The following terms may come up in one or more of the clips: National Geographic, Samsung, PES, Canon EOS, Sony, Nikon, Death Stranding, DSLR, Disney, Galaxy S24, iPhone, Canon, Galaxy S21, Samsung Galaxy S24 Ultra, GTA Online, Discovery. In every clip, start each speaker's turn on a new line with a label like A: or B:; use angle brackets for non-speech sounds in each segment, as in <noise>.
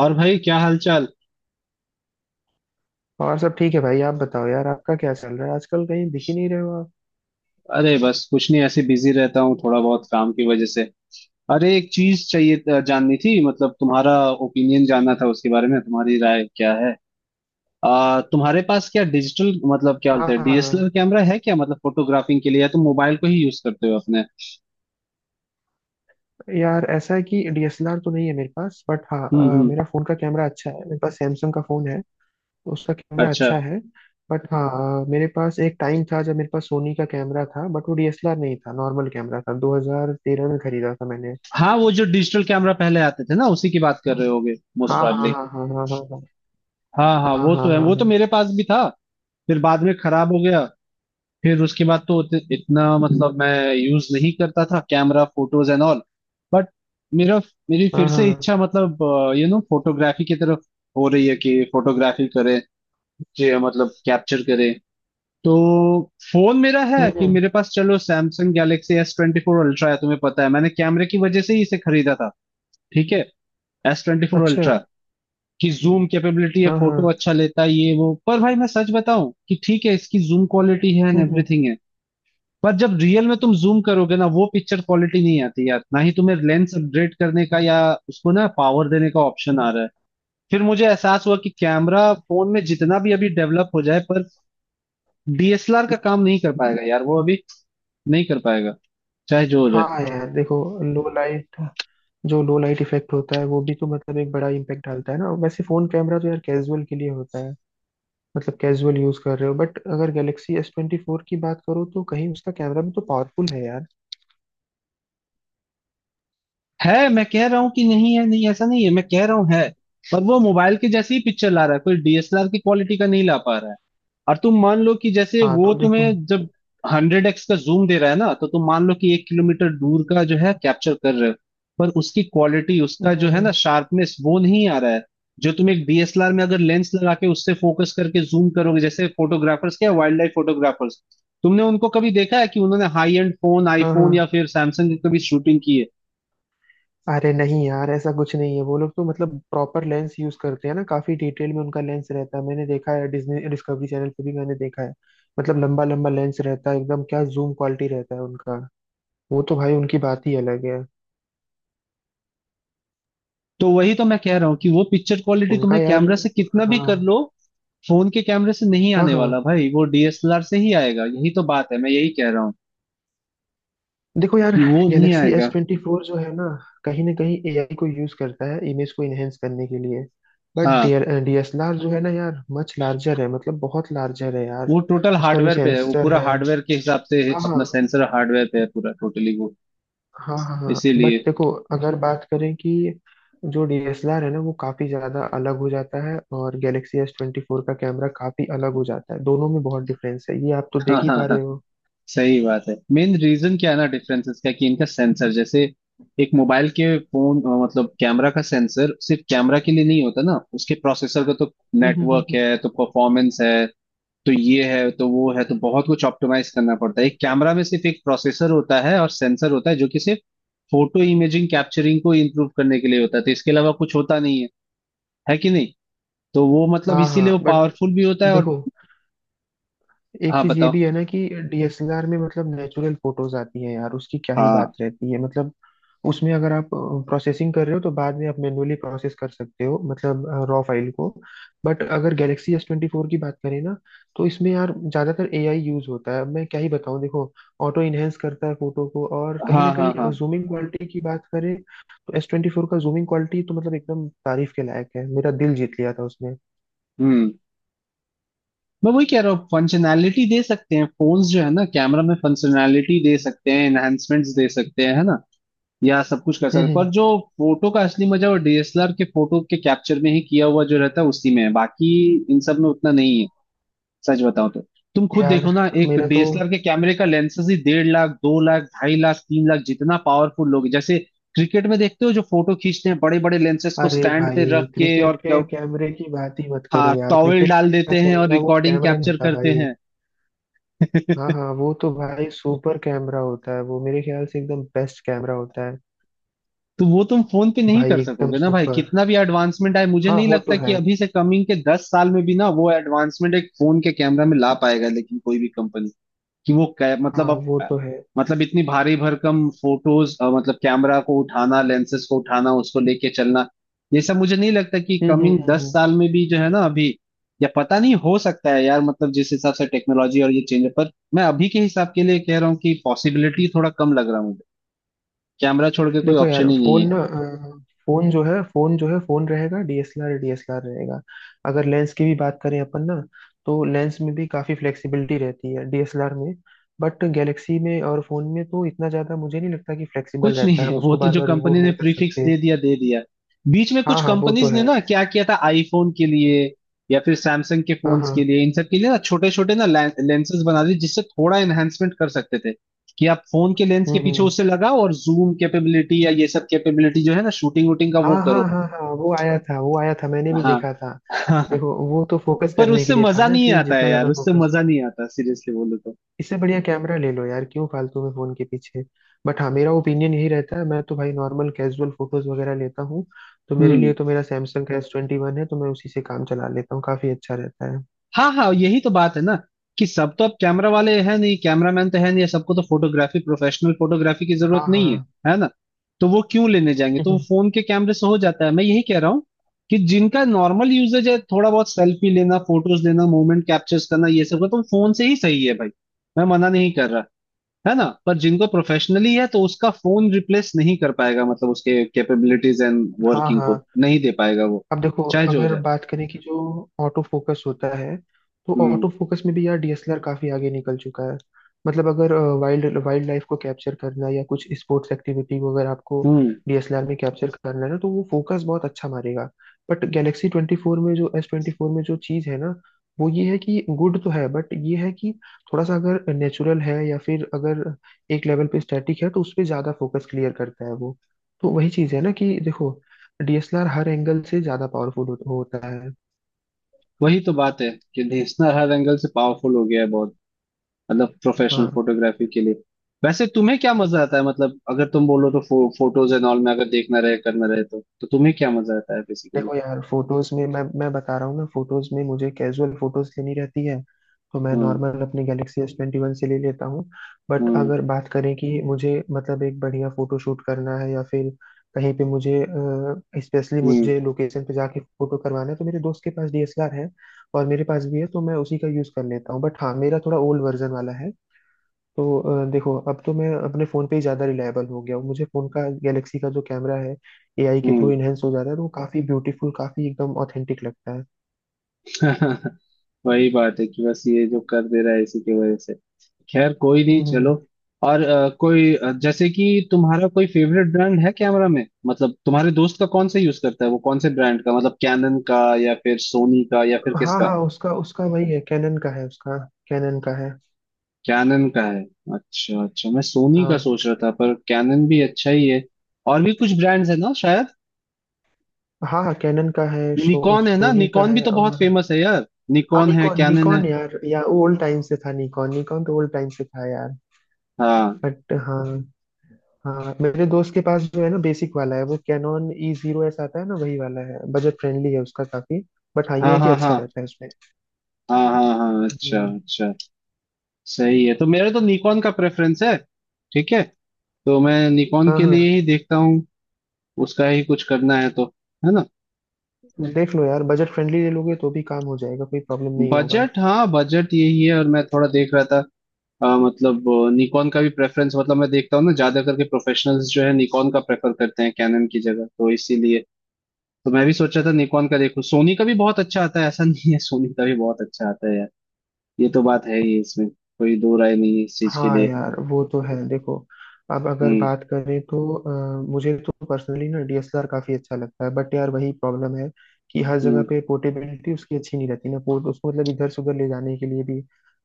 A: और भाई क्या हालचाल।
B: और सब ठीक है भाई। आप बताओ यार, आपका क्या चल रहा है आजकल? कहीं दिख ही नहीं रहे हो आप।
A: अरे बस कुछ नहीं, ऐसे बिजी रहता हूँ थोड़ा बहुत काम की वजह से। अरे एक चीज चाहिए जाननी थी, मतलब तुम्हारा ओपिनियन जानना था, उसके बारे में तुम्हारी राय क्या है। तुम्हारे पास क्या डिजिटल मतलब क्या
B: हाँ
A: बोलते हैं डीएसएलआर
B: हाँ।
A: कैमरा है क्या, मतलब फोटोग्राफिंग के लिए, या तुम मोबाइल को ही यूज करते हो अपने।
B: यार ऐसा है कि डीएसएलआर तो नहीं है मेरे पास, बट हाँ,
A: हम्म।
B: मेरा फोन का कैमरा अच्छा है। मेरे पास सैमसंग का फोन है, उसका कैमरा
A: अच्छा।
B: अच्छा है। बट हाँ, मेरे पास एक टाइम था जब मेरे पास सोनी का कैमरा था, बट वो डीएसएलआर नहीं था, नॉर्मल कैमरा था। 2013 में खरीदा था मैंने।
A: हाँ वो जो डिजिटल कैमरा पहले आते थे ना उसी की बात कर रहे होगे मोस्ट
B: हाँ हाँ
A: प्रॉब्ली।
B: हाँ हाँ हाँ हाँ
A: हाँ हाँ
B: हाँ
A: वो
B: हाँ
A: तो है, वो तो
B: हाँ
A: मेरे पास भी था। फिर बाद में खराब हो गया। फिर उसके बाद तो इतना मतलब मैं यूज नहीं करता था camera photos and all. But मेरा, मेरी
B: हाँ
A: फिर
B: हाँ
A: से
B: हाँ
A: इच्छा
B: हाँ।
A: मतलब फोटोग्राफी की तरफ हो रही है कि फोटोग्राफी करें, जे मतलब कैप्चर करें तो। फोन मेरा है कि
B: हम्म।
A: मेरे पास चलो सैमसंग गैलेक्सी S24 अल्ट्रा है, तुम्हें पता है मैंने कैमरे की वजह से ही इसे खरीदा था। ठीक है। S24
B: अच्छा।
A: अल्ट्रा की जूम कैपेबिलिटी है,
B: हाँ
A: फोटो
B: हाँ।
A: अच्छा लेता है ये वो, पर भाई मैं सच बताऊं कि ठीक है इसकी जूम क्वालिटी है एंड
B: हम्म।
A: एवरीथिंग है, पर जब रियल में तुम जूम करोगे ना वो पिक्चर क्वालिटी नहीं आती यार, ना ही तुम्हें लेंस अपग्रेड करने का या उसको ना पावर देने का ऑप्शन आ रहा है। फिर मुझे एहसास हुआ कि कैमरा फोन में जितना भी अभी डेवलप हो जाए पर डीएसएलआर का काम नहीं कर पाएगा यार, वो अभी नहीं कर पाएगा, चाहे जो हो जाए।
B: हाँ यार देखो, लो लाइट जो लो लाइट इफेक्ट होता है वो भी तो मतलब एक बड़ा इम्पैक्ट डालता है ना। वैसे फोन कैमरा तो यार कैजुअल के लिए होता है, मतलब कैजुअल यूज कर रहे हो। बट अगर गैलेक्सी एस ट्वेंटी फोर की बात करो तो कहीं उसका कैमरा भी तो पावरफुल है यार।
A: है, मैं कह रहा हूँ कि नहीं है, नहीं ऐसा नहीं है, मैं कह रहा हूँ है, पर वो मोबाइल के जैसी ही पिक्चर ला रहा है, कोई डीएसएलआर की क्वालिटी का नहीं ला पा रहा है। और तुम मान लो कि जैसे
B: हाँ
A: वो
B: तो देखो।
A: तुम्हें जब 100X का जूम दे रहा है ना, तो तुम मान लो कि 1 किलोमीटर दूर का जो है कैप्चर कर रहे हो, पर उसकी क्वालिटी, उसका जो
B: नहीं,
A: है
B: नहीं,
A: ना
B: नहीं।
A: शार्पनेस वो नहीं आ रहा है। जो तुम एक डीएसएलआर में अगर लेंस लगा के उससे फोकस करके जूम करोगे, जैसे फोटोग्राफर्स, क्या वाइल्ड लाइफ फोटोग्राफर्स, तुमने उनको कभी देखा है कि उन्होंने हाई एंड फोन
B: हाँ हाँ।
A: आईफोन या फिर सैमसंग की कभी शूटिंग की है।
B: अरे नहीं यार, ऐसा कुछ नहीं है। वो लोग तो मतलब प्रॉपर लेंस यूज करते हैं ना, काफी डिटेल में उनका लेंस रहता है। मैंने देखा है, डिज्नी डिस्कवरी चैनल पे भी मैंने देखा है। मतलब लंबा लंबा लेंस रहता है, एकदम क्या जूम क्वालिटी रहता है उनका। वो तो भाई उनकी बात ही अलग है।
A: तो वही तो मैं कह रहा हूँ कि वो पिक्चर क्वालिटी
B: उनका
A: तुम्हें
B: यार।
A: कैमरा से कितना भी
B: हाँ
A: कर लो, फोन के कैमरे से नहीं
B: हाँ
A: आने
B: हाँ।
A: वाला भाई, वो डीएसएलआर से ही आएगा, यही तो बात है, मैं यही कह रहा हूँ
B: देखो यार,
A: कि वो नहीं
B: गैलेक्सी एस
A: आएगा।
B: ट्वेंटी फोर जो है ना, कहीं ना कहीं एआई को यूज करता है इमेज को इनहेंस करने के लिए। बट
A: हाँ
B: डीएसएलआर जो है ना यार, मच लार्जर है, मतलब बहुत लार्जर है यार।
A: वो टोटल
B: उसका जो
A: हार्डवेयर पे है, वो
B: सेंसर
A: पूरा
B: है।
A: हार्डवेयर के हिसाब से है,
B: हाँ हाँ।
A: अपना सेंसर हार्डवेयर पे है पूरा टोटली वो।
B: हाँ हाँ हाँ
A: इसीलिए।
B: बट देखो, अगर बात करें कि जो डीएसएलआर है ना वो काफी ज्यादा अलग हो जाता है, और गैलेक्सी एस ट्वेंटी फोर का कैमरा काफी अलग हो जाता है। दोनों में बहुत डिफरेंस है, ये आप तो देख
A: हाँ
B: ही
A: हाँ
B: पा
A: हाँ
B: रहे हो।
A: सही बात है। मेन रीजन क्या है ना डिफरेंसेस का कि इनका सेंसर जैसे एक मोबाइल के फोन मतलब कैमरा का सेंसर सिर्फ कैमरा के लिए नहीं होता ना, उसके प्रोसेसर का तो
B: हम्म हम्म हम्म
A: नेटवर्क
B: हम्म।
A: है तो परफॉर्मेंस है तो ये है तो वो है, तो बहुत कुछ ऑप्टिमाइज करना पड़ता है। एक कैमरा में सिर्फ एक प्रोसेसर होता है और सेंसर होता है जो कि सिर्फ फोटो इमेजिंग कैप्चरिंग को इम्प्रूव करने के लिए होता है, तो इसके अलावा कुछ होता नहीं है, है कि नहीं। तो वो मतलब
B: हाँ हाँ
A: इसीलिए वो
B: बट
A: पावरफुल भी होता है और
B: देखो, एक
A: हाँ
B: चीज ये
A: बताओ।
B: भी है ना कि डीएसएलआर में मतलब नेचुरल फोटोज आती है यार, उसकी क्या ही बात
A: हाँ
B: रहती है। मतलब उसमें अगर आप प्रोसेसिंग कर रहे हो तो बाद में आप मैन्युअली प्रोसेस कर सकते हो, मतलब रॉ फाइल को। बट अगर गैलेक्सी एस ट्वेंटी फोर की बात करें ना, तो इसमें यार ज्यादातर एआई यूज होता है, अब मैं क्या ही बताऊं देखो। ऑटो इनहेंस करता है फोटो को। और कहीं ना
A: हाँ हाँ हाँ।
B: कहीं जूमिंग क्वालिटी की बात करें तो एस ट्वेंटी फोर का जूमिंग क्वालिटी तो मतलब एकदम तारीफ के लायक है, मेरा दिल जीत लिया था उसने।
A: हम्म। मैं वही कह रहा हूँ, फंक्शनैलिटी दे सकते हैं फोन्स जो है ना, कैमरा में फंक्शनैलिटी दे सकते हैं, एनहांसमेंट्स दे सकते हैं, है ना, या सब कुछ कर सकते हैं, पर
B: हम्म।
A: जो फोटो का असली मजा वो डीएसएलआर के फोटो के कैप्चर में ही किया हुआ जो रहता है उसी में है, बाकी इन सब में उतना नहीं है सच बताऊं तो। तुम खुद
B: यार
A: देखो ना, एक
B: मेरा तो,
A: डीएसएलआर के कैमरे का लेंसेज ही 1.5 लाख 2 लाख 2.5 लाख 3 लाख जितना पावरफुल, लोग जैसे क्रिकेट में देखते हो जो फोटो खींचते हैं बड़े बड़े लेंसेज को
B: अरे
A: स्टैंड पे
B: भाई
A: रख के, और
B: क्रिकेट के
A: क्या
B: कैमरे की बात ही मत करो
A: हाँ
B: यार,
A: टॉवेल
B: क्रिकेट
A: डाल
B: का
A: देते हैं और
B: कैमरा वो
A: रिकॉर्डिंग
B: कैमरा नहीं
A: कैप्चर
B: होता
A: करते
B: भाई।
A: हैं।
B: हाँ
A: तो
B: हाँ, वो तो भाई सुपर कैमरा होता है, वो मेरे ख्याल से एकदम बेस्ट कैमरा होता है
A: वो तुम फोन पे नहीं
B: भाई,
A: कर
B: एकदम
A: सकोगे ना भाई,
B: सुपर।
A: कितना भी एडवांसमेंट आए, मुझे
B: हाँ
A: नहीं
B: वो तो
A: लगता कि
B: है।
A: अभी से कमिंग के 10 साल में भी ना वो एडवांसमेंट एक फोन के कैमरा में ला पाएगा लेकिन कोई भी कंपनी, कि वो
B: हाँ
A: मतलब अब
B: वो तो है।
A: मतलब इतनी भारी भरकम फोटोज, मतलब कैमरा को उठाना लेंसेस को उठाना उसको लेके चलना, ये सब मुझे नहीं लगता कि
B: हम्म हम्म
A: कमिंग
B: हम्म
A: दस
B: हम्म।
A: साल में भी जो है ना अभी, या पता नहीं हो सकता है यार, मतलब जिस हिसाब से टेक्नोलॉजी और ये चेंज है। पर मैं अभी के हिसाब के लिए कह रहा हूँ कि पॉसिबिलिटी थोड़ा कम लग रहा है मुझे, कैमरा छोड़ के कोई
B: देखो
A: ऑप्शन
B: यार,
A: ही नहीं
B: फोन
A: है।
B: ना अ, फोन जो है फोन जो है फोन रहेगा, डीएसएलआर डीएसएलआर रहेगा। अगर लेंस की भी बात करें अपन ना, तो लेंस में भी काफी फ्लेक्सिबिलिटी रहती है डीएसएलआर में। बट गैलेक्सी में और फोन में तो इतना ज्यादा मुझे नहीं लगता कि फ्लेक्सिबल
A: कुछ नहीं
B: रहता है,
A: है,
B: हम
A: वो
B: उसको
A: तो
B: बार
A: जो
B: बार
A: कंपनी
B: रिमूव
A: ने
B: नहीं कर
A: प्रीफिक्स
B: सकते।
A: दे दिया दे दिया। बीच में कुछ
B: हाँ हाँ वो तो
A: कंपनीज ने
B: है।
A: ना क्या किया था आईफोन के लिए या फिर सैमसंग के
B: हाँ
A: फोन्स
B: हाँ।
A: के लिए इन सब के लिए ना, छोटे छोटे ना लेंसेज बना दिए, जिससे थोड़ा एनहेंसमेंट कर सकते थे कि आप फोन के लेंस के पीछे
B: हम्म।
A: उससे लगाओ और जूम कैपेबिलिटी या ये सब कैपेबिलिटी जो है ना शूटिंग वूटिंग का
B: हाँ
A: वो
B: हाँ
A: करो।
B: हाँ हाँ वो आया था, वो आया था, मैंने
A: हाँ
B: भी देखा था।
A: हाँ हाँ।
B: देखो वो तो फोकस
A: पर
B: करने के
A: उससे
B: लिए था
A: मजा
B: ना,
A: नहीं
B: कि
A: आता है
B: जितना
A: यार,
B: ज्यादा
A: उससे
B: फोकस।
A: मजा नहीं आता सीरियसली बोलो तो।
B: इससे बढ़िया कैमरा ले लो यार, क्यों फालतू में फोन के पीछे। बट हाँ मेरा ओपिनियन यही रहता है, मैं तो भाई नॉर्मल कैजुअल फोटोज वगैरह लेता हूँ। तो मेरे
A: हम्म।
B: लिए तो मेरा सैमसंग का एस ट्वेंटी वन है, तो मैं उसी से काम चला लेता हूँ, काफी अच्छा रहता है।
A: हाँ हाँ यही तो बात है ना, कि सब तो अब कैमरा वाले हैं नहीं, कैमरामैन तो है नहीं, सबको तो फोटोग्राफी प्रोफेशनल फोटोग्राफी की
B: हाँ
A: जरूरत नहीं
B: हाँ।
A: है, है ना। तो वो क्यों लेने जाएंगे, तो वो
B: <laughs>
A: फोन के कैमरे से हो जाता है, मैं यही कह रहा हूँ कि जिनका नॉर्मल यूजेज है थोड़ा बहुत सेल्फी लेना फोटोज लेना मोमेंट कैप्चर्स करना ये सब का तो फोन से ही सही है भाई, मैं मना नहीं कर रहा, है ना। पर जिनको प्रोफेशनली है तो उसका फोन रिप्लेस नहीं कर पाएगा, मतलब उसके कैपेबिलिटीज एंड
B: हाँ
A: वर्किंग
B: हाँ।
A: को नहीं दे पाएगा वो,
B: अब देखो,
A: चाहे जो हो
B: अगर
A: जाए।
B: बात करें कि जो ऑटो फोकस होता है, तो
A: हम्म
B: ऑटो फोकस में भी यार डीएसएलआर काफी आगे निकल चुका है। मतलब अगर वाइल्ड वाइल्ड लाइफ को कैप्चर करना है, या कुछ स्पोर्ट्स एक्टिविटी को अगर आपको
A: हम्म।
B: डीएसएलआर में कैप्चर करना है ना तो वो फोकस बहुत अच्छा मारेगा। बट गैलेक्सी ट्वेंटी फोर में जो एस ट्वेंटी फोर में जो चीज़ है ना, वो ये है कि गुड तो है, बट ये है कि थोड़ा सा अगर नेचुरल है या फिर अगर एक लेवल पे स्टैटिक है, तो उस पर ज्यादा फोकस क्लियर करता है वो। तो वही चीज़ है ना कि देखो, डीएसएलआर हर एंगल से ज्यादा पावरफुल होता है।
A: वही तो बात है कि नेसनर हर एंगल से पावरफुल हो गया है बहुत, मतलब प्रोफेशनल
B: हाँ
A: फोटोग्राफी के लिए। वैसे तुम्हें क्या मजा आता है, मतलब अगर तुम बोलो तो फोटोज एंड ऑल में अगर देखना रहे करना रहे तो तुम्हें क्या मजा आता है बेसिकली।
B: देखो यार, फोटोज में मैं बता रहा हूँ ना, फोटोज में मुझे कैजुअल फोटोज लेनी रहती है, तो मैं
A: हम्म
B: नॉर्मल अपनी गैलेक्सी एस ट्वेंटी वन से ले लेता हूँ। बट
A: हम्म
B: अगर बात करें कि मुझे मतलब एक बढ़िया फोटो शूट करना है, या फिर कहीं पे मुझे स्पेशली
A: हम्म
B: मुझे लोकेशन पे जाके फोटो करवाना है, तो मेरे दोस्त के पास डीएसएलआर है और मेरे पास भी है, तो मैं उसी का यूज कर लेता हूँ। बट हाँ मेरा थोड़ा ओल्ड वर्जन वाला है। तो देखो, अब तो मैं अपने फ़ोन पे ही ज़्यादा रिलायबल हो गया हूँ। मुझे फ़ोन का गैलेक्सी का जो कैमरा है, एआई के थ्रू
A: हम्म।
B: इनहेंस हो जा रहा है, तो वो काफ़ी ब्यूटीफुल, काफ़ी एकदम ऑथेंटिक लगता है।
A: <laughs> वही बात है कि बस ये जो कर दे रहा है इसी की वजह से, खैर कोई नहीं
B: हम्म हम्म।
A: चलो। और कोई जैसे कि तुम्हारा कोई फेवरेट ब्रांड है कैमरा में, मतलब तुम्हारे दोस्त का कौन सा यूज करता है वो, कौन से ब्रांड का, मतलब कैनन का या फिर सोनी का या फिर
B: हाँ
A: किसका।
B: हाँ उसका उसका वही है, कैनन का है उसका। कैनन का है।
A: कैनन का है। अच्छा अच्छा, मैं सोनी का
B: हाँ
A: सोच रहा था पर कैनन भी अच्छा ही है। और भी कुछ ब्रांड्स है ना शायद,
B: हाँ हाँ कैनन का है।
A: निकॉन है ना,
B: सोनी का
A: निकॉन भी
B: है।
A: तो बहुत
B: और
A: फेमस है यार,
B: हाँ
A: निकॉन है
B: निकॉन
A: कैनन है।
B: निकॉन यार, या ओल्ड टाइम से था निकॉन, निकॉन तो ओल्ड टाइम से था यार।
A: हाँ
B: बट हाँ। हाँ मेरे दोस्त के पास जो है ना, बेसिक वाला है। वो कैनॉन ई जीरो एस आता है ना, वही वाला है, बजट फ्रेंडली है उसका काफी। बट हाँ ये
A: हाँ
B: है कि
A: हाँ
B: अच्छा
A: हाँ
B: रहता है उसमें।
A: हाँ हाँ हाँ अच्छा
B: हम्म।
A: अच्छा। सही है, तो मेरा तो निकॉन का प्रेफरेंस है। ठीक है। तो मैं निकॉन
B: हाँ
A: के लिए
B: हाँ।
A: ही देखता हूँ, उसका ही कुछ करना है तो, है ना।
B: देख लो यार, बजट फ्रेंडली ले लोगे तो भी काम हो जाएगा, कोई प्रॉब्लम नहीं होगा।
A: बजट हाँ बजट यही है, और मैं थोड़ा देख रहा था मतलब निकॉन का भी प्रेफरेंस, मतलब मैं देखता हूँ ना ज्यादा करके प्रोफेशनल्स जो है निकॉन का प्रेफर करते हैं कैनन की जगह, तो इसीलिए, तो मैं भी सोचा था निकॉन का देखूं। सोनी का भी बहुत अच्छा आता है, ऐसा <laughs> नहीं है, सोनी का भी बहुत अच्छा आता है यार, ये तो बात है ही इसमें कोई दो राय नहीं है इस चीज के
B: हाँ
A: लिए।
B: यार वो तो है देखो। अब अगर
A: हम्म
B: बात करें तो मुझे तो पर्सनली ना डीएसएलआर काफी अच्छा लगता है, बट यार वही प्रॉब्लम है कि हर जगह
A: हम्म।
B: पे पोर्टेबिलिटी उसकी अच्छी नहीं रहती ना। पोर्ट उसको मतलब इधर से उधर ले जाने के लिए भी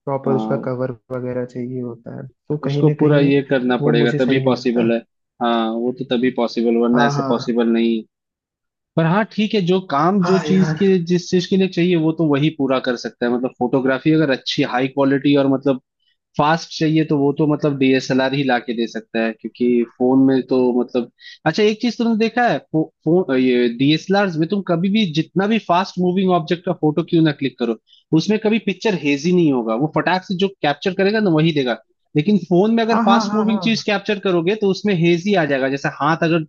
B: प्रॉपर उसका
A: हाँ
B: कवर वगैरह चाहिए होता है, तो कहीं
A: उसको
B: ना
A: पूरा
B: कहीं
A: ये करना
B: वो
A: पड़ेगा
B: मुझे
A: तभी
B: सही नहीं लगता
A: पॉसिबल
B: है।
A: है। हाँ वो तो तभी पॉसिबल, वरना
B: हाँ
A: ऐसे
B: हाँ।
A: पॉसिबल नहीं। पर हाँ ठीक है, जो काम जो
B: हाँ
A: चीज
B: यार।
A: के जिस चीज के लिए चाहिए वो तो वही पूरा कर सकता है, मतलब फोटोग्राफी अगर अच्छी हाई क्वालिटी और मतलब फास्ट चाहिए तो वो तो मतलब डीएसएलआर ही लाके दे सकता है, क्योंकि फोन में तो मतलब। अच्छा एक चीज तुमने देखा है फो, फो, ये डीएसएलआर में तुम कभी भी जितना भी फास्ट मूविंग ऑब्जेक्ट का फोटो क्यों ना क्लिक करो, उसमें कभी पिक्चर हेजी नहीं होगा, वो फटाक से जो कैप्चर करेगा ना वही देगा। लेकिन फोन में अगर
B: हाँ हाँ
A: फास्ट
B: हाँ
A: मूविंग
B: हाँ।
A: चीज कैप्चर करोगे तो उसमें हेजी आ जाएगा, जैसे हाथ अगर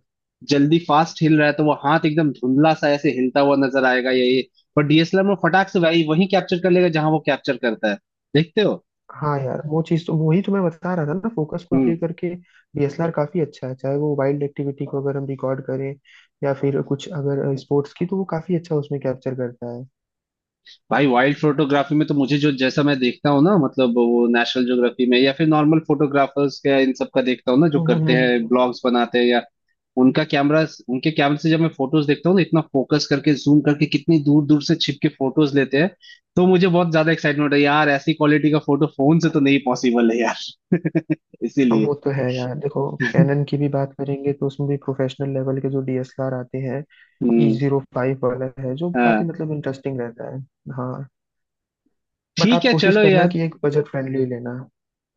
A: जल्दी फास्ट हिल रहा है तो वो हाथ एकदम धुंधला सा ऐसे हिलता हुआ नजर आएगा या ये, पर डीएसएलआर में फटाक से वही वही कैप्चर कर लेगा जहां वो कैप्चर करता है, देखते हो।
B: हाँ यार वो चीज़ तो वही तो मैं बता रहा था ना, फोकस को
A: हम्म।
B: लेकर के डीएसएलआर काफी अच्छा है, चाहे वो वाइल्ड एक्टिविटी को अगर हम रिकॉर्ड करें या फिर कुछ अगर स्पोर्ट्स की, तो वो काफी अच्छा उसमें कैप्चर करता है।
A: भाई वाइल्ड फोटोग्राफी में तो मुझे जो जैसा मैं देखता हूँ ना, मतलब वो नेशनल ज्योग्राफी में या फिर नॉर्मल फोटोग्राफर्स का इन सब का देखता हूँ ना जो
B: हम्म, हम्म,
A: करते
B: हम्म,
A: हैं
B: हम्म।
A: ब्लॉग्स बनाते हैं या उनका कैमरा, उनके कैमरे से जब मैं फोटोज देखता हूँ ना इतना फोकस करके जूम करके कितनी दूर दूर से छिप के फोटोज लेते हैं, तो मुझे बहुत ज्यादा एक्साइटमेंट है यार, ऐसी क्वालिटी का फोटो फोन से तो नहीं पॉसिबल है यार <laughs>
B: अब
A: इसीलिए।
B: वो तो है यार देखो, कैनन की भी बात करेंगे तो उसमें भी प्रोफेशनल लेवल के जो डीएसएलआर आते हैं, ई
A: हम्म।
B: जीरो फाइव वाला है जो काफी
A: हाँ
B: मतलब इंटरेस्टिंग रहता है। हाँ। बट
A: ठीक
B: आप
A: है
B: कोशिश
A: चलो
B: करना
A: यार।
B: कि एक बजट फ्रेंडली लेना।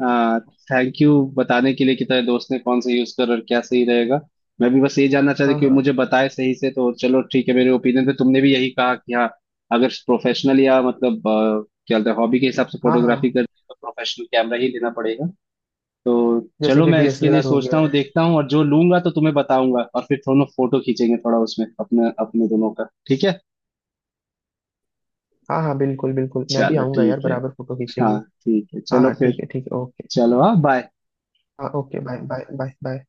A: हाँ थैंक यू बताने के लिए कि तेरे दोस्त ने कौन सा यूज कर और क्या सही रहेगा, मैं भी बस ये जानना चाहता था
B: हाँ
A: कि वो मुझे
B: हाँ
A: बताए सही से, तो चलो ठीक है, मेरे ओपिनियन पे तुमने भी यही कहा कि हाँ अगर प्रोफेशनल या मतलब क्या बोलते हैं हॉबी के हिसाब से
B: हाँ हाँ।
A: फोटोग्राफी करनी है तो प्रोफेशनल कैमरा ही लेना पड़ेगा। तो
B: जैसे
A: चलो
B: कि
A: मैं इसके लिए
B: डीएसएलआर हो
A: सोचता हूँ
B: गया।
A: देखता हूँ, और जो लूंगा तो तुम्हें बताऊंगा, और फिर दोनों फोटो खींचेंगे थोड़ा उसमें अपने अपने दोनों का, ठीक है
B: हाँ हाँ बिल्कुल बिल्कुल, मैं भी
A: चलो।
B: आऊंगा यार,
A: ठीक है
B: बराबर फोटो
A: हाँ
B: खींचेंगे।
A: ठीक है
B: हाँ
A: चलो
B: हाँ
A: फिर
B: ठीक है ओके।
A: चलो हाँ बाय।
B: हाँ okay bye bye bye bye.